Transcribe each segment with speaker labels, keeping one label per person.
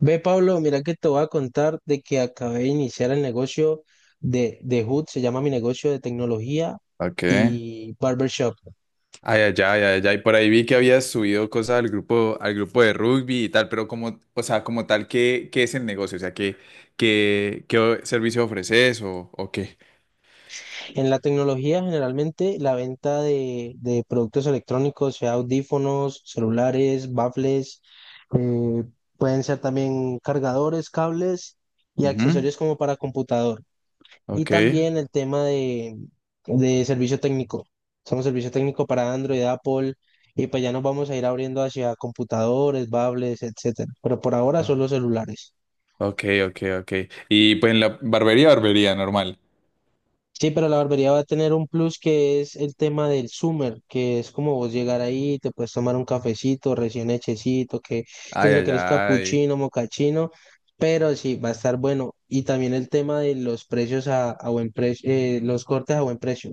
Speaker 1: Ve, Pablo, mira que te voy a contar de que acabé de iniciar el negocio de Hood, se llama mi negocio de tecnología
Speaker 2: Ok.
Speaker 1: y barbershop.
Speaker 2: Ay, ay, ay, ay, ay. Por ahí vi que habías subido cosas al grupo de rugby y tal, pero como, o sea, como tal, ¿qué, es el negocio? O sea, ¿qué, qué, servicio ofreces o qué?
Speaker 1: En la tecnología, generalmente, la venta de productos electrónicos, sea audífonos, celulares, baffles, eh, pueden ser también cargadores, cables y
Speaker 2: Ujú.
Speaker 1: accesorios como para computador. Y
Speaker 2: Ok.
Speaker 1: también el tema de servicio técnico. Somos servicio técnico para Android, Apple, y pues ya nos vamos a ir abriendo hacia computadores, tablets, etcétera. Pero por ahora
Speaker 2: Ah,
Speaker 1: solo celulares.
Speaker 2: ok, ok, ok. Y pues en la barbería, barbería, normal.
Speaker 1: Sí, pero la barbería va a tener un plus que es el tema del Summer, que es como vos llegar ahí, te puedes tomar un cafecito recién hechecito, que
Speaker 2: Ay,
Speaker 1: si lo
Speaker 2: ay,
Speaker 1: querés
Speaker 2: ay.
Speaker 1: capuchino, mocachino, pero sí, va a estar bueno. Y también el tema de los precios a buen precio, los cortes a buen precio.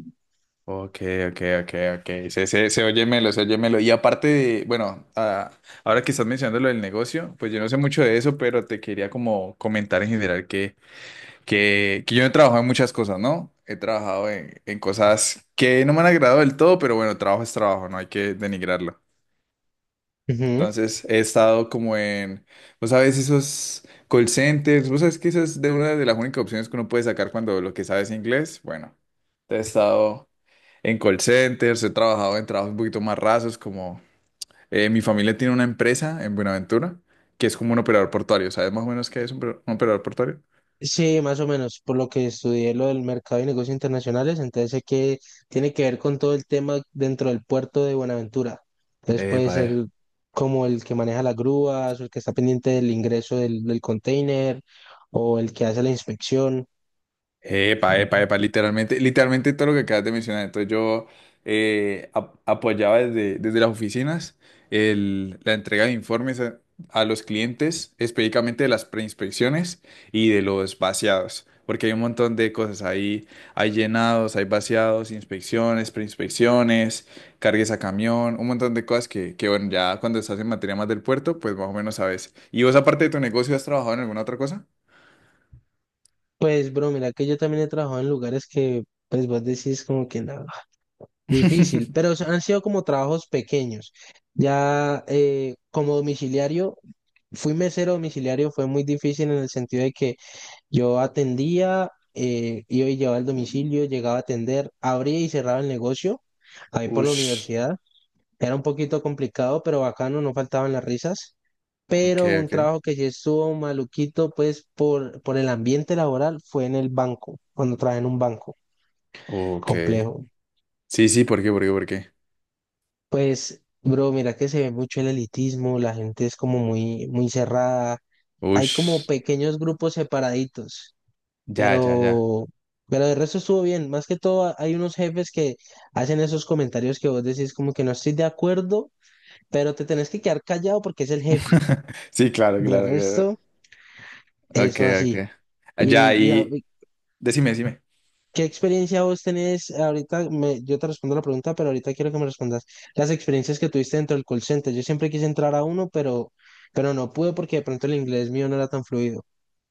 Speaker 2: Ok, ok, ok, ok. Se oye melo, se oye melo. Y aparte de, bueno, ah, ahora que estás mencionando lo del negocio, pues yo no sé mucho de eso, pero te quería como comentar en general que yo he trabajado en muchas cosas, ¿no? He trabajado en cosas que no me han agradado del todo, pero bueno, trabajo es trabajo, no hay que denigrarlo.
Speaker 1: Ujú.
Speaker 2: Entonces he estado como en, vos sabes, esos call centers, vos sabes que esa es de una de las únicas opciones que uno puede sacar cuando lo que sabes es inglés. Bueno, he estado en call centers, he trabajado en trabajos un poquito más rasos, como mi familia tiene una empresa en Buenaventura, que es como un operador portuario, ¿sabes más o menos qué es un operador portuario?
Speaker 1: Sí, más o menos, por lo que estudié lo del mercado y negocios internacionales, entonces sé que tiene que ver con todo el tema dentro del puerto de Buenaventura. Entonces puede
Speaker 2: Epa,
Speaker 1: ser como el que maneja las grúas, o el que está pendiente del ingreso del container, o el que hace la inspección.
Speaker 2: Epa, epa, epa, literalmente, literalmente todo lo que acabas de mencionar. Entonces yo apoyaba desde las oficinas la entrega de informes a los clientes, específicamente de las preinspecciones y de los vaciados, porque hay un montón de cosas ahí, hay llenados, hay vaciados, inspecciones, preinspecciones, cargues a camión, un montón de cosas que bueno, ya cuando estás en materia más del puerto, pues más o menos sabes. ¿Y vos aparte de tu negocio has trabajado en alguna otra cosa?
Speaker 1: Pues, bro, mira que yo también he trabajado en lugares que, pues, vos decís como que nada, difícil, pero han sido como trabajos pequeños. Ya como domiciliario, fui mesero domiciliario, fue muy difícil en el sentido de que yo atendía, iba y llevaba el domicilio, llegaba a atender, abría y cerraba el negocio, ahí por la
Speaker 2: Ush,
Speaker 1: universidad. Era un poquito complicado, pero bacano, no faltaban las risas.
Speaker 2: ok,
Speaker 1: Pero un
Speaker 2: ok.
Speaker 1: trabajo que sí estuvo maluquito, pues por el ambiente laboral, fue en el banco, cuando trabajé en un banco
Speaker 2: Ok.
Speaker 1: complejo.
Speaker 2: Sí, sí, ¿por qué? ¿Por qué? ¿Por qué?
Speaker 1: Pues, bro, mira que se ve mucho el elitismo, la gente es como muy cerrada. Hay como
Speaker 2: Ush.
Speaker 1: pequeños grupos separaditos.
Speaker 2: Ya, ya, ya.
Speaker 1: Pero, pero de resto estuvo bien. Más que todo, hay unos jefes que hacen esos comentarios que vos decís como que no estoy de acuerdo, pero te tenés que quedar callado porque es el jefe.
Speaker 2: Sí, claro,
Speaker 1: De
Speaker 2: claro, claro.
Speaker 1: resto,
Speaker 2: Ok,
Speaker 1: eso
Speaker 2: ok.
Speaker 1: así.
Speaker 2: Ah,
Speaker 1: ¿Y,
Speaker 2: ya,
Speaker 1: y a-
Speaker 2: y
Speaker 1: y
Speaker 2: decime, decime.
Speaker 1: qué experiencia vos tenés ahorita? Yo te respondo la pregunta, pero ahorita quiero que me respondas las experiencias que tuviste dentro del call center. Yo siempre quise entrar a uno, pero no pude porque de pronto el inglés mío no era tan fluido.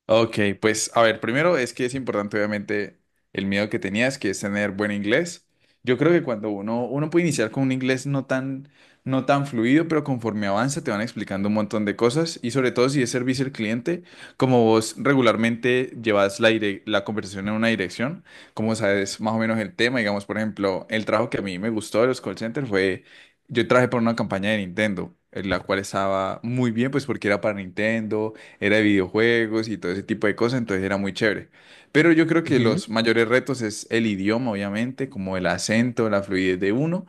Speaker 2: Ok, pues a ver, primero es que es importante obviamente el miedo que tenías, que es tener buen inglés. Yo creo que cuando uno puede iniciar con un inglés no tan, no tan fluido, pero conforme avanza te van explicando un montón de cosas y sobre todo si es servicio al cliente, como vos regularmente llevas la, la conversación en una dirección, como sabes más o menos el tema, digamos, por ejemplo, el trabajo que a mí me gustó de los call centers fue, yo trabajé por una campaña de Nintendo, en la cual estaba muy bien, pues porque era para Nintendo era de videojuegos y todo ese tipo de cosas, entonces era muy chévere. Pero yo creo que los mayores retos es el idioma, obviamente, como el acento, la fluidez de uno,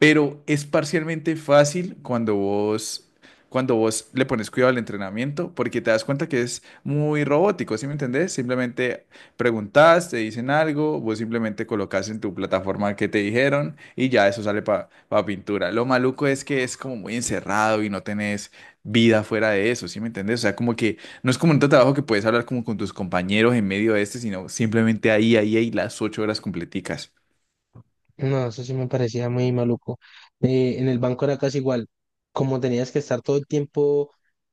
Speaker 2: pero es parcialmente fácil cuando vos le pones cuidado al entrenamiento, porque te das cuenta que es muy robótico, ¿sí me entendés? Simplemente preguntas, te dicen algo, vos simplemente colocas en tu plataforma que te dijeron y ya eso sale para pintura. Lo maluco es que es como muy encerrado y no tenés vida fuera de eso, ¿sí me entendés? O sea, como que no es como un trabajo que puedes hablar como con tus compañeros en medio de este, sino simplemente ahí las 8 horas completicas.
Speaker 1: No, eso sí me parecía muy maluco. En el banco era casi igual. Como tenías que estar todo el tiempo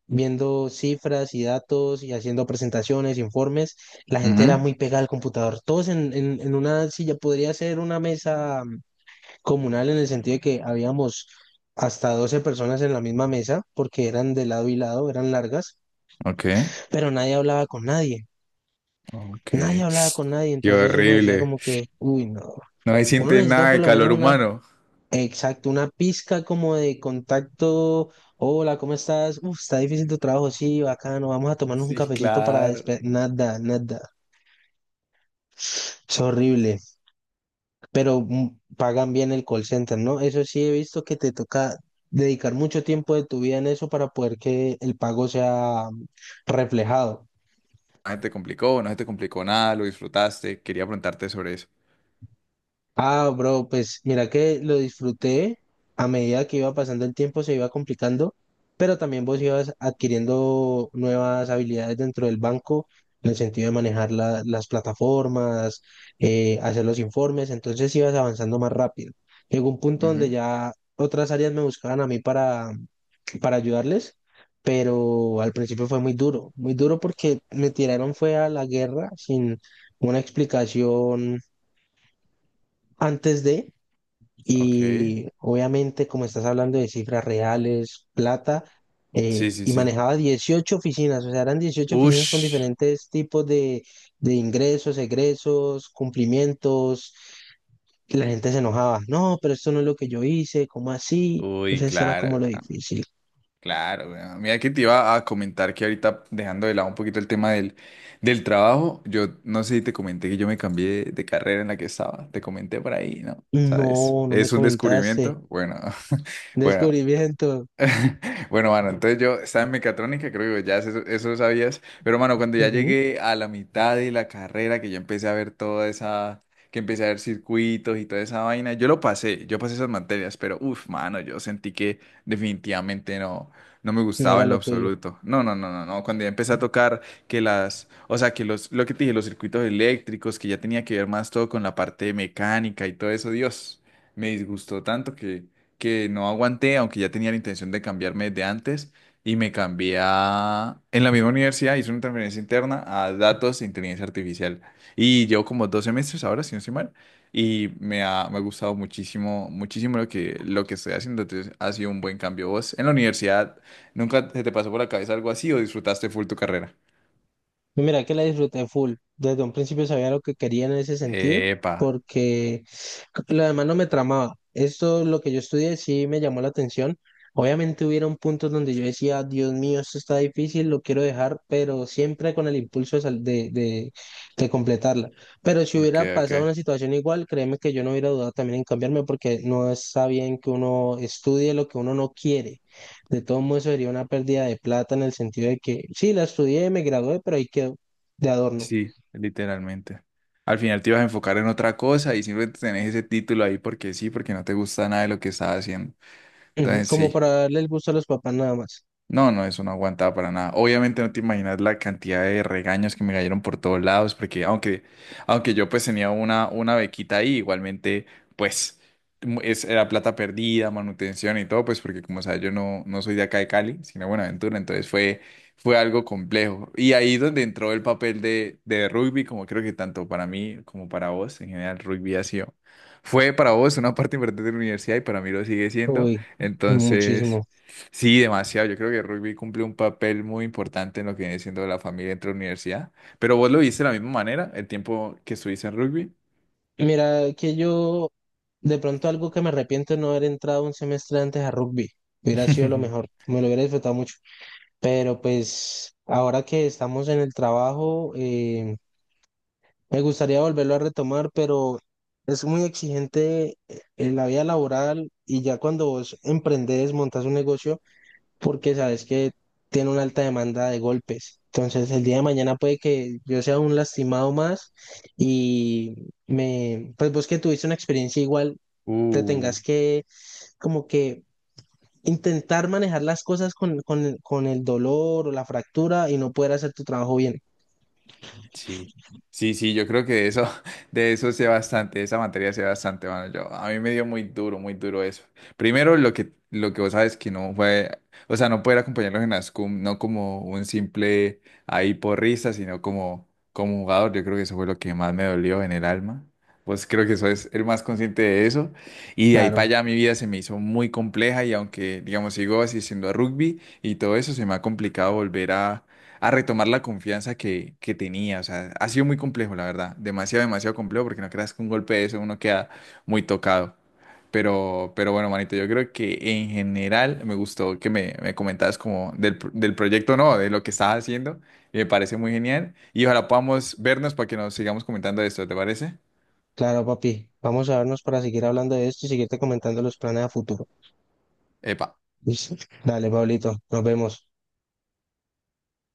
Speaker 1: viendo cifras y datos y haciendo presentaciones, informes, la gente era
Speaker 2: Ujú,
Speaker 1: muy pegada al computador. Todos en una silla, podría ser una mesa comunal en el sentido de que habíamos hasta 12 personas en la misma mesa, porque eran de lado y lado, eran largas,
Speaker 2: ok.
Speaker 1: pero nadie hablaba con nadie.
Speaker 2: Ok.
Speaker 1: Nadie hablaba con nadie,
Speaker 2: Qué
Speaker 1: entonces uno decía
Speaker 2: horrible.
Speaker 1: como que, uy, no,
Speaker 2: No se
Speaker 1: uno
Speaker 2: siente
Speaker 1: necesita
Speaker 2: nada
Speaker 1: por
Speaker 2: de
Speaker 1: lo menos
Speaker 2: calor
Speaker 1: una...
Speaker 2: humano.
Speaker 1: Exacto, una pizca como de contacto. Hola, ¿cómo estás? Uf, está difícil tu trabajo, sí, bacano. Vamos a tomarnos un
Speaker 2: Sí,
Speaker 1: cafecito para la
Speaker 2: claro.
Speaker 1: Nada, nada. Es horrible. Pero pagan bien el call center, ¿no? Eso sí, he visto que te toca dedicar mucho tiempo de tu vida en eso para poder que el pago sea reflejado.
Speaker 2: No se te complicó, no se te complicó nada, lo disfrutaste. Quería preguntarte sobre eso.
Speaker 1: Ah, bro, pues mira que lo disfruté a medida que iba pasando el tiempo, se iba complicando, pero también vos ibas adquiriendo nuevas habilidades dentro del banco, en el sentido de manejar las plataformas, hacer los informes, entonces ibas avanzando más rápido. Llegó un punto donde
Speaker 2: Ujú,
Speaker 1: ya otras áreas me buscaban a mí para ayudarles, pero al principio fue muy duro porque me tiraron fue a la guerra sin una explicación antes de...
Speaker 2: ok.
Speaker 1: Y obviamente, como estás hablando de cifras reales, plata,
Speaker 2: Sí, sí,
Speaker 1: y
Speaker 2: sí.
Speaker 1: manejaba 18 oficinas, o sea, eran 18 oficinas con
Speaker 2: Ush.
Speaker 1: diferentes tipos de ingresos, egresos, cumplimientos. Y la gente se enojaba, no, pero esto no es lo que yo hice, ¿cómo así?
Speaker 2: Uy,
Speaker 1: Entonces, eso era como
Speaker 2: claro,
Speaker 1: lo difícil.
Speaker 2: claro. Weón, mira que te iba a comentar que ahorita, dejando de lado un poquito el tema del trabajo, yo no sé si te comenté que yo me cambié de carrera en la que estaba. Te comenté por ahí, ¿no? ¿Sabes?
Speaker 1: No, no me
Speaker 2: Es un
Speaker 1: comentaste.
Speaker 2: descubrimiento. Bueno, bueno.
Speaker 1: Descubrimiento.
Speaker 2: Bueno, mano, entonces yo estaba en mecatrónica, creo que ya eso lo sabías, pero mano, cuando ya
Speaker 1: Ujú.
Speaker 2: llegué a la mitad de la carrera, que ya empecé a ver toda esa, que empecé a ver circuitos y toda esa vaina, yo lo pasé, yo pasé esas materias, pero uff, mano, yo sentí que definitivamente no, no me
Speaker 1: No
Speaker 2: gustaba
Speaker 1: era
Speaker 2: en lo
Speaker 1: lo tuyo.
Speaker 2: absoluto. No, no, no, no, no, cuando ya empecé a tocar que las, o sea, lo que te dije, los circuitos eléctricos, que ya tenía que ver más todo con la parte mecánica y todo eso, Dios, me disgustó tanto que no aguanté, aunque ya tenía la intención de cambiarme desde antes, y me cambié a... En la misma universidad hice una transferencia interna a datos e inteligencia artificial. Y llevo como dos semestres ahora, si no estoy mal, y me ha gustado muchísimo, muchísimo lo que estoy haciendo. Entonces, ha sido un buen cambio. ¿Vos en la universidad nunca se te pasó por la cabeza algo así o disfrutaste full tu carrera?
Speaker 1: Mira que la disfruté full. Desde un principio sabía lo que quería en ese sentido,
Speaker 2: Epa,
Speaker 1: porque lo demás no me tramaba. Esto, lo que yo estudié, sí me llamó la atención. Obviamente hubieron puntos donde yo decía, Dios mío, esto está difícil, lo quiero dejar, pero siempre con el impulso de de completarla. Pero si
Speaker 2: ok,
Speaker 1: hubiera pasado
Speaker 2: ok.
Speaker 1: una situación igual, créeme que yo no hubiera dudado también en cambiarme, porque no está bien que uno estudie lo que uno no quiere. De todo modo, eso sería una pérdida de plata en el sentido de que sí, la estudié, me gradué, pero ahí quedó de adorno.
Speaker 2: Sí, literalmente. Al final te ibas a enfocar en otra cosa y siempre tenés ese título ahí porque sí, porque no te gusta nada de lo que estás haciendo.
Speaker 1: Ujú.
Speaker 2: Entonces,
Speaker 1: Como
Speaker 2: sí.
Speaker 1: para darle el gusto a los papás nada más.
Speaker 2: No, no, eso no aguantaba para nada. Obviamente no te imaginas la cantidad de regaños que me cayeron por todos lados, porque aunque, aunque yo pues tenía una bequita ahí, igualmente pues era plata perdida, manutención y todo, pues porque como sabes yo no, no soy de acá de Cali, sino de Buenaventura, entonces fue, fue algo complejo. Y ahí es donde entró el papel de rugby, como creo que tanto para mí como para vos, en general rugby ha sido, fue para vos una parte importante de la universidad y para mí lo sigue siendo,
Speaker 1: Uy,
Speaker 2: entonces...
Speaker 1: muchísimo.
Speaker 2: Sí, demasiado. Yo creo que el rugby cumple un papel muy importante en lo que viene siendo la familia entre la universidad. Pero vos lo viste de la misma manera, el tiempo que estuviste en rugby.
Speaker 1: Mira, que yo de pronto algo que me arrepiento es no haber entrado un semestre antes a rugby. Hubiera sido lo mejor, me lo hubiera disfrutado mucho. Pero pues ahora que estamos en el trabajo, me gustaría volverlo a retomar, pero es muy exigente en la vida laboral y ya cuando vos emprendés, montas un negocio, porque sabes que tiene una alta demanda de golpes. Entonces, el día de mañana puede que yo sea un lastimado más y me, pues vos que tuviste una experiencia igual, te
Speaker 2: Uh.
Speaker 1: tengas que como que intentar manejar las cosas con el dolor o la fractura y no poder hacer tu trabajo bien.
Speaker 2: Sí, sí, sí, yo creo que de eso, de eso sé bastante, de esa materia sé bastante, mano. Yo, a mí me dio muy duro eso. Primero, lo que vos sabes que no fue, o sea, no poder acompañarlos en las cum, no como un simple ahí porrista, sino como, como jugador. Yo creo que eso fue lo que más me dolió en el alma. Pues creo que eso es el más consciente de eso. Y de ahí para
Speaker 1: Claro.
Speaker 2: allá mi vida se me hizo muy compleja y aunque, digamos, sigo asistiendo a rugby y todo eso, se me ha complicado volver a retomar la confianza que tenía. O sea, ha sido muy complejo, la verdad. Demasiado, demasiado complejo, porque no creas que un golpe de eso uno queda muy tocado. Pero bueno, manito, yo creo que en general me gustó que me comentabas como del proyecto, no, de lo que estás haciendo. Y me parece muy genial. Y ojalá podamos vernos para que nos sigamos comentando esto, ¿te parece?
Speaker 1: Claro, papi. Vamos a vernos para seguir hablando de esto y seguirte comentando los planes a futuro.
Speaker 2: Epa.
Speaker 1: Listo. Dale, Pablito. Nos vemos.